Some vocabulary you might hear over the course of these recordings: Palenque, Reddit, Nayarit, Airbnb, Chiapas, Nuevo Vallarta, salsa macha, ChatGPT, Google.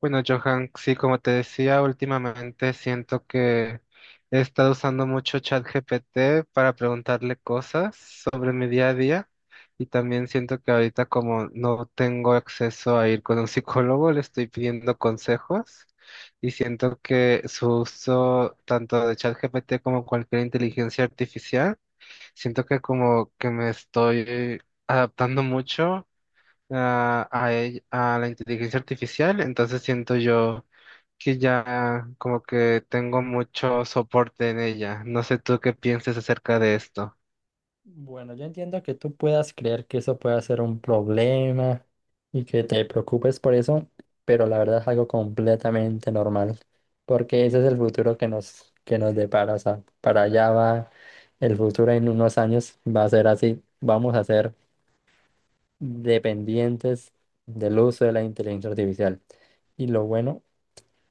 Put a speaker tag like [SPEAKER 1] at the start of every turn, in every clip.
[SPEAKER 1] Bueno, Johan, sí, como te decía, últimamente siento que he estado usando mucho ChatGPT para preguntarle cosas sobre mi día a día y también siento que ahorita como no tengo acceso a ir con un psicólogo, le estoy pidiendo consejos y siento que su uso tanto de ChatGPT como cualquier inteligencia artificial, siento que como que me estoy adaptando mucho a la inteligencia artificial, entonces siento yo que ya como que tengo mucho soporte en ella. No sé tú qué pienses acerca de esto.
[SPEAKER 2] Bueno, yo entiendo que tú puedas creer que eso pueda ser un problema y que te preocupes por eso, pero la verdad es algo completamente normal, porque ese es el futuro que nos depara, o sea, para allá va el futuro en unos años, va a ser así, vamos a ser dependientes del uso de la inteligencia artificial. Y lo bueno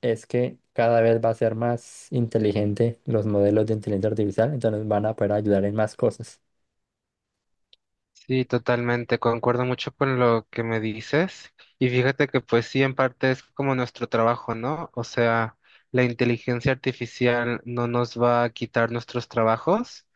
[SPEAKER 2] es que cada vez va a ser más inteligente los modelos de inteligencia artificial, entonces van a poder ayudar en más cosas.
[SPEAKER 1] Sí, totalmente, concuerdo mucho con lo que me dices. Y fíjate que pues sí, en parte es como nuestro trabajo, ¿no? O sea, la inteligencia artificial no nos va a quitar nuestros trabajos,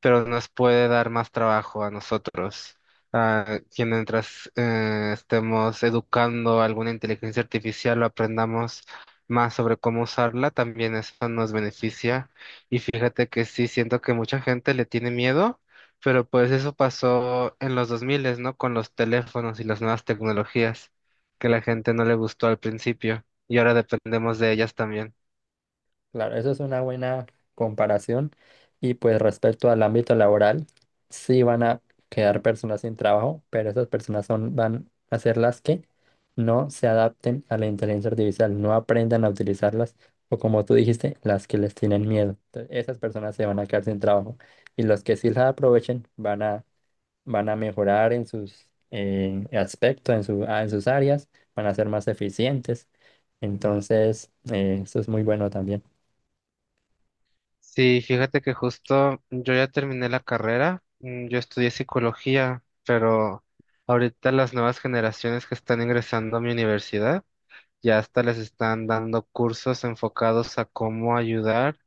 [SPEAKER 1] pero nos puede dar más trabajo a nosotros. A quien mientras estemos educando alguna inteligencia artificial o aprendamos más sobre cómo usarla, también eso nos beneficia. Y fíjate que sí, siento que mucha gente le tiene miedo, pero pues eso pasó en los 2000, ¿no? Con los teléfonos y las nuevas tecnologías, que la gente no le gustó al principio y ahora dependemos de ellas también.
[SPEAKER 2] Claro, eso es una buena comparación. Y pues respecto al ámbito laboral, sí van a quedar personas sin trabajo, pero esas van a ser las que no se adapten a la inteligencia artificial, no aprendan a utilizarlas, o como tú dijiste, las que les tienen miedo. Entonces, esas personas se van a quedar sin trabajo. Y los que sí las aprovechen van a mejorar en sus aspectos, en sus áreas, van a ser más eficientes. Entonces, eso es muy bueno también.
[SPEAKER 1] Sí, fíjate que justo yo ya terminé la carrera, yo estudié psicología, pero ahorita las nuevas generaciones que están ingresando a mi universidad ya hasta les están dando cursos enfocados a cómo ayudar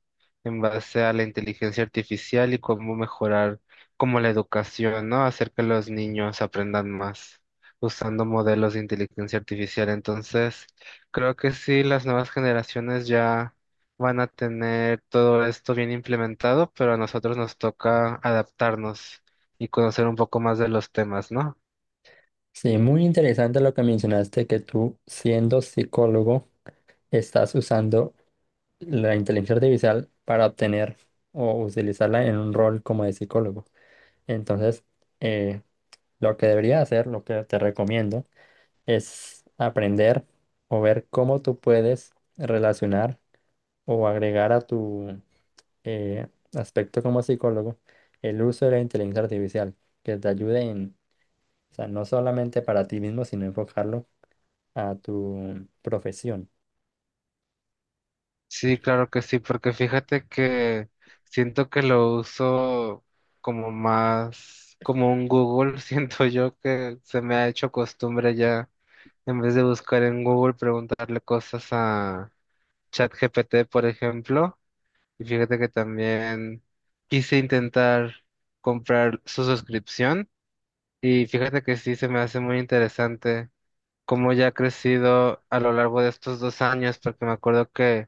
[SPEAKER 1] en base a la inteligencia artificial y cómo mejorar como la educación, ¿no? Hacer que los niños aprendan más usando modelos de inteligencia artificial. Entonces, creo que sí, las nuevas generaciones ya van a tener todo esto bien implementado, pero a nosotros nos toca adaptarnos y conocer un poco más de los temas, ¿no?
[SPEAKER 2] Sí, muy interesante lo que mencionaste, que tú, siendo psicólogo, estás usando la inteligencia artificial para obtener o utilizarla en un rol como de psicólogo. Entonces, eh, lo que debería hacer, lo que te recomiendo, es aprender o ver cómo tú puedes relacionar o agregar a tu eh, aspecto como psicólogo el uso de la inteligencia artificial, que te ayude o sea, no solamente para ti mismo, sino enfocarlo a tu profesión.
[SPEAKER 1] Sí, claro que sí, porque fíjate que siento que lo uso como más, como un Google, siento yo que se me ha hecho costumbre ya, en vez de buscar en Google, preguntarle cosas a ChatGPT, por ejemplo, y fíjate que también quise intentar comprar su suscripción, y fíjate que sí, se me hace muy interesante cómo ya ha crecido a lo largo de estos dos años, porque me acuerdo que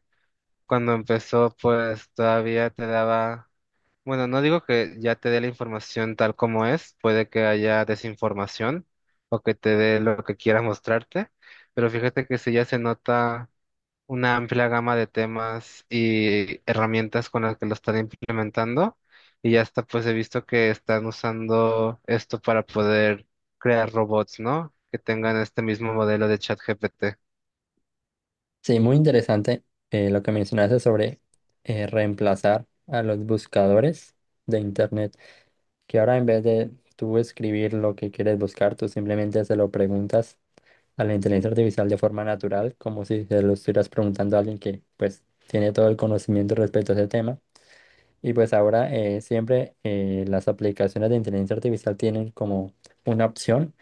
[SPEAKER 1] cuando empezó, pues todavía te daba, bueno, no digo que ya te dé la información tal como es, puede que haya desinformación o que te dé lo que quiera mostrarte, pero fíjate que sí ya se nota una amplia gama de temas y herramientas con las que lo están implementando y ya está, pues he visto que están usando esto para poder crear robots, ¿no? Que tengan este mismo modelo de ChatGPT.
[SPEAKER 2] Sí, muy interesante lo que mencionaste sobre reemplazar a los buscadores de Internet, que ahora en vez de tú escribir lo que quieres buscar, tú simplemente se lo preguntas a la inteligencia artificial de forma natural, como si se lo estuvieras preguntando a alguien que pues tiene todo el conocimiento respecto a ese tema. Y pues ahora siempre las aplicaciones de inteligencia artificial tienen como una opción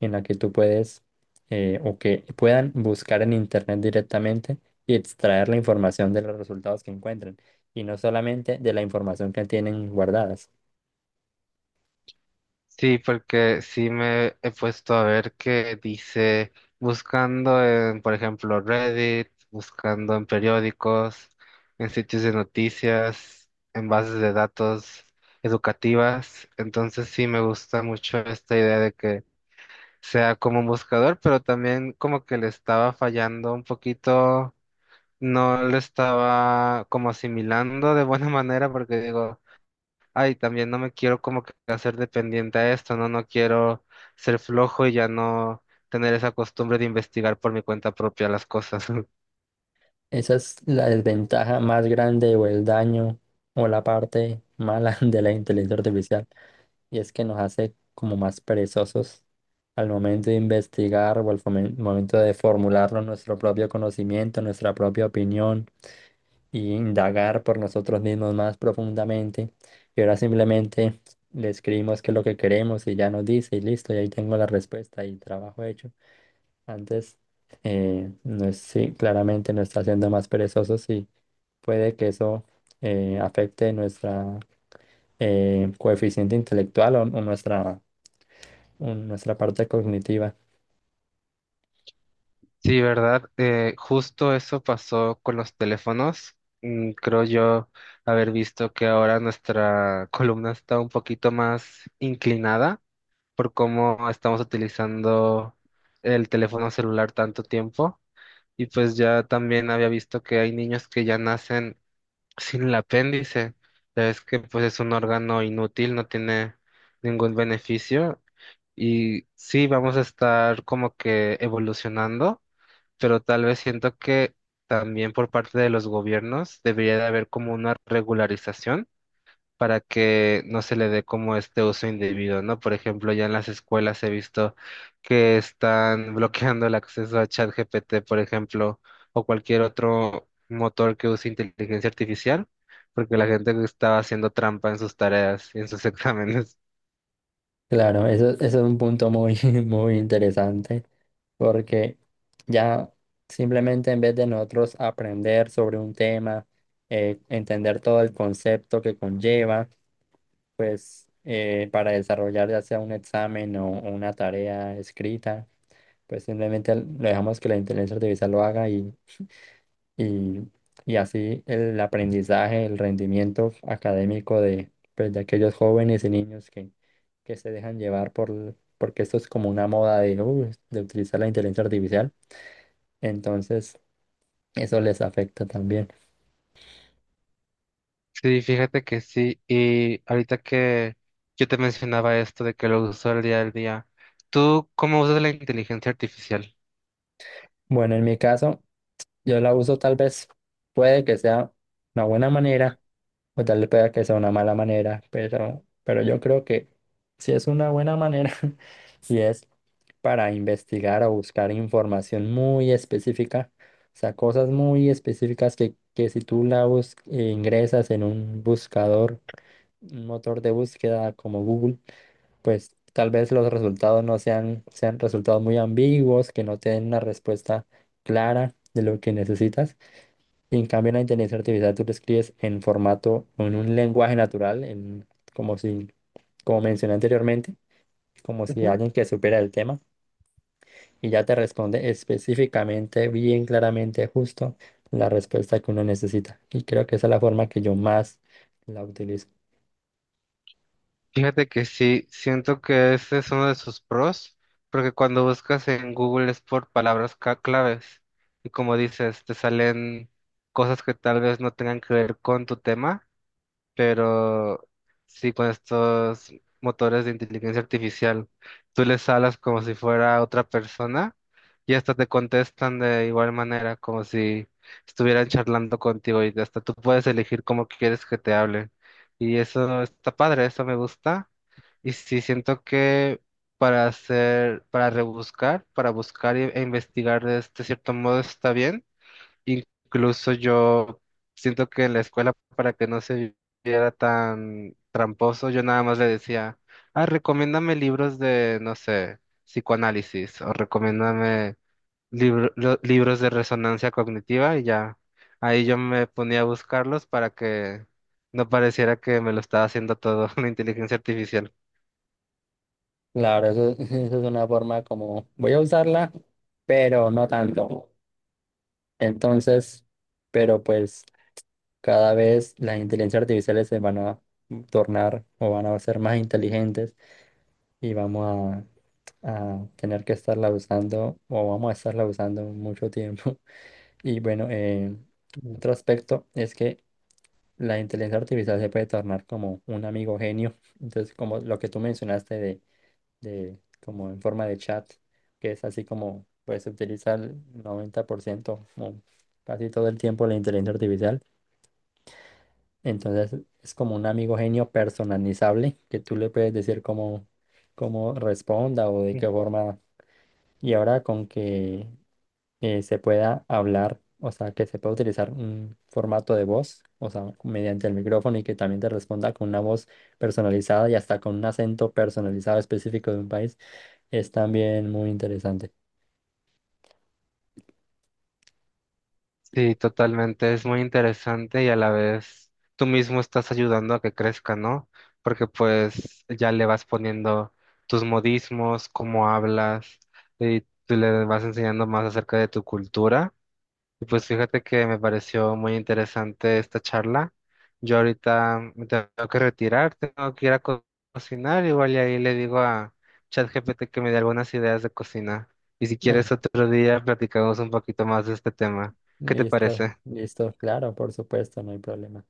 [SPEAKER 2] en la que tú puedes o que puedan buscar en internet directamente y extraer la información de los resultados que encuentren y no solamente de la información que tienen guardadas.
[SPEAKER 1] Sí, porque sí me he puesto a ver que dice, buscando en, por ejemplo, Reddit, buscando en periódicos, en sitios de noticias, en bases de datos educativas. Entonces sí me gusta mucho esta idea de que sea como un buscador, pero también como que le estaba fallando un poquito, no lo estaba como asimilando de buena manera, porque digo... Ay, también no me quiero como que hacer dependiente a esto, ¿no? No quiero ser flojo y ya no tener esa costumbre de investigar por mi cuenta propia las cosas.
[SPEAKER 2] Esa es la desventaja más grande o el daño o la parte mala de la inteligencia artificial. Y es que nos hace como más perezosos al momento de investigar o al momento de formularlo nuestro propio conocimiento, nuestra propia opinión y indagar por nosotros mismos más profundamente. Y ahora simplemente le escribimos qué es lo que queremos y ya nos dice y listo, y ahí tengo la respuesta y trabajo hecho. Antes, no es, sí, claramente nos está haciendo más perezosos y puede que eso afecte nuestra coeficiente intelectual o nuestra nuestra parte cognitiva.
[SPEAKER 1] Sí, ¿verdad? Justo eso pasó con los teléfonos. Creo yo haber visto que ahora nuestra columna está un poquito más inclinada por cómo estamos utilizando el teléfono celular tanto tiempo. Y pues ya también había visto que hay niños que ya nacen sin el apéndice, ya ves que pues es un órgano inútil, no tiene ningún beneficio y sí vamos a estar como que evolucionando, pero tal vez siento que también por parte de los gobiernos debería de haber como una regularización para que no se le dé como este uso indebido, ¿no? Por ejemplo, ya en las escuelas he visto que están bloqueando el acceso a ChatGPT, por ejemplo, o cualquier otro motor que use inteligencia artificial, porque la gente estaba haciendo trampa en sus tareas y en sus exámenes.
[SPEAKER 2] Claro, eso es un punto muy interesante porque ya simplemente en vez de nosotros aprender sobre un tema, entender todo el concepto que conlleva, pues para desarrollar ya sea un examen o una tarea escrita, pues simplemente lo dejamos que la inteligencia artificial lo haga y, y así el aprendizaje, el rendimiento académico pues, de aquellos jóvenes y niños que se dejan llevar porque esto es como una moda de utilizar la inteligencia artificial, entonces eso les afecta también.
[SPEAKER 1] Sí, fíjate que sí. Y ahorita que yo te mencionaba esto de que lo uso el día al día, ¿tú cómo usas la inteligencia artificial?
[SPEAKER 2] Bueno, en mi caso, yo la uso tal vez, puede que sea una buena manera. O tal vez pueda que sea una mala manera, pero yo creo que si es una buena manera y es para investigar o buscar información muy específica, o sea, cosas muy específicas que si tú la ingresas en un buscador, un motor de búsqueda como Google, pues tal vez los resultados no sean, sean resultados muy ambiguos, que no te den una respuesta clara de lo que necesitas. Y en cambio, en la inteligencia artificial tú lo escribes en formato, en un lenguaje natural, como si, como mencioné anteriormente, como si alguien que supera el tema y ya te responde específicamente, bien claramente, justo la respuesta que uno necesita. Y creo que esa es la forma que yo más la utilizo.
[SPEAKER 1] Fíjate que sí, siento que ese es uno de sus pros, porque cuando buscas en Google es por palabras claves y como dices, te salen cosas que tal vez no tengan que ver con tu tema, pero sí con estos motores de inteligencia artificial, tú les hablas como si fuera otra persona y hasta te contestan de igual manera, como si estuvieran charlando contigo y hasta tú puedes elegir cómo quieres que te hablen. Y eso está padre, eso me gusta. Y sí, siento que para hacer, para rebuscar, para buscar e investigar de este cierto modo está bien. Incluso yo siento que en la escuela, para que no se viera tan tramposo, yo nada más le decía, ah, recomiéndame libros de, no sé, psicoanálisis o recomiéndame libros de resonancia cognitiva y ya. Ahí yo me ponía a buscarlos para que no pareciera que me lo estaba haciendo todo la inteligencia artificial.
[SPEAKER 2] Claro, eso es una forma como voy a usarla, pero no tanto. Entonces, pero pues. Cada vez las inteligencias artificiales se van a tornar o van a ser más inteligentes y a tener que estarla usando o vamos a estarla usando mucho tiempo. Y bueno,
[SPEAKER 1] Mm.
[SPEAKER 2] otro aspecto es que la inteligencia artificial se puede tornar como un amigo genio. Entonces, como lo que tú mencionaste de como en forma de chat, que es así como pues se utiliza el 90% o casi todo el tiempo la inteligencia artificial. Entonces es como un amigo genio personalizable que tú le puedes decir cómo responda o de qué forma. Y ahora con que se pueda hablar, o sea, que se pueda utilizar un formato de voz, o sea, mediante el micrófono y que también te responda con una voz personalizada y hasta con un acento personalizado específico de un país, es también muy interesante.
[SPEAKER 1] Sí, totalmente. Es muy interesante y a la vez tú mismo estás ayudando a que crezca, ¿no? Porque pues ya le vas poniendo tus modismos, cómo hablas y tú le vas enseñando más acerca de tu cultura. Y pues fíjate que me pareció muy interesante esta charla. Yo ahorita me tengo que retirar, tengo que ir a cocinar, igual y ahí le digo a ChatGPT que me dé algunas ideas de cocina. Y si
[SPEAKER 2] Ajá.
[SPEAKER 1] quieres otro día platicamos un poquito más de este tema. ¿Qué te
[SPEAKER 2] Listo,
[SPEAKER 1] parece?
[SPEAKER 2] listo, claro, por supuesto, no hay problema.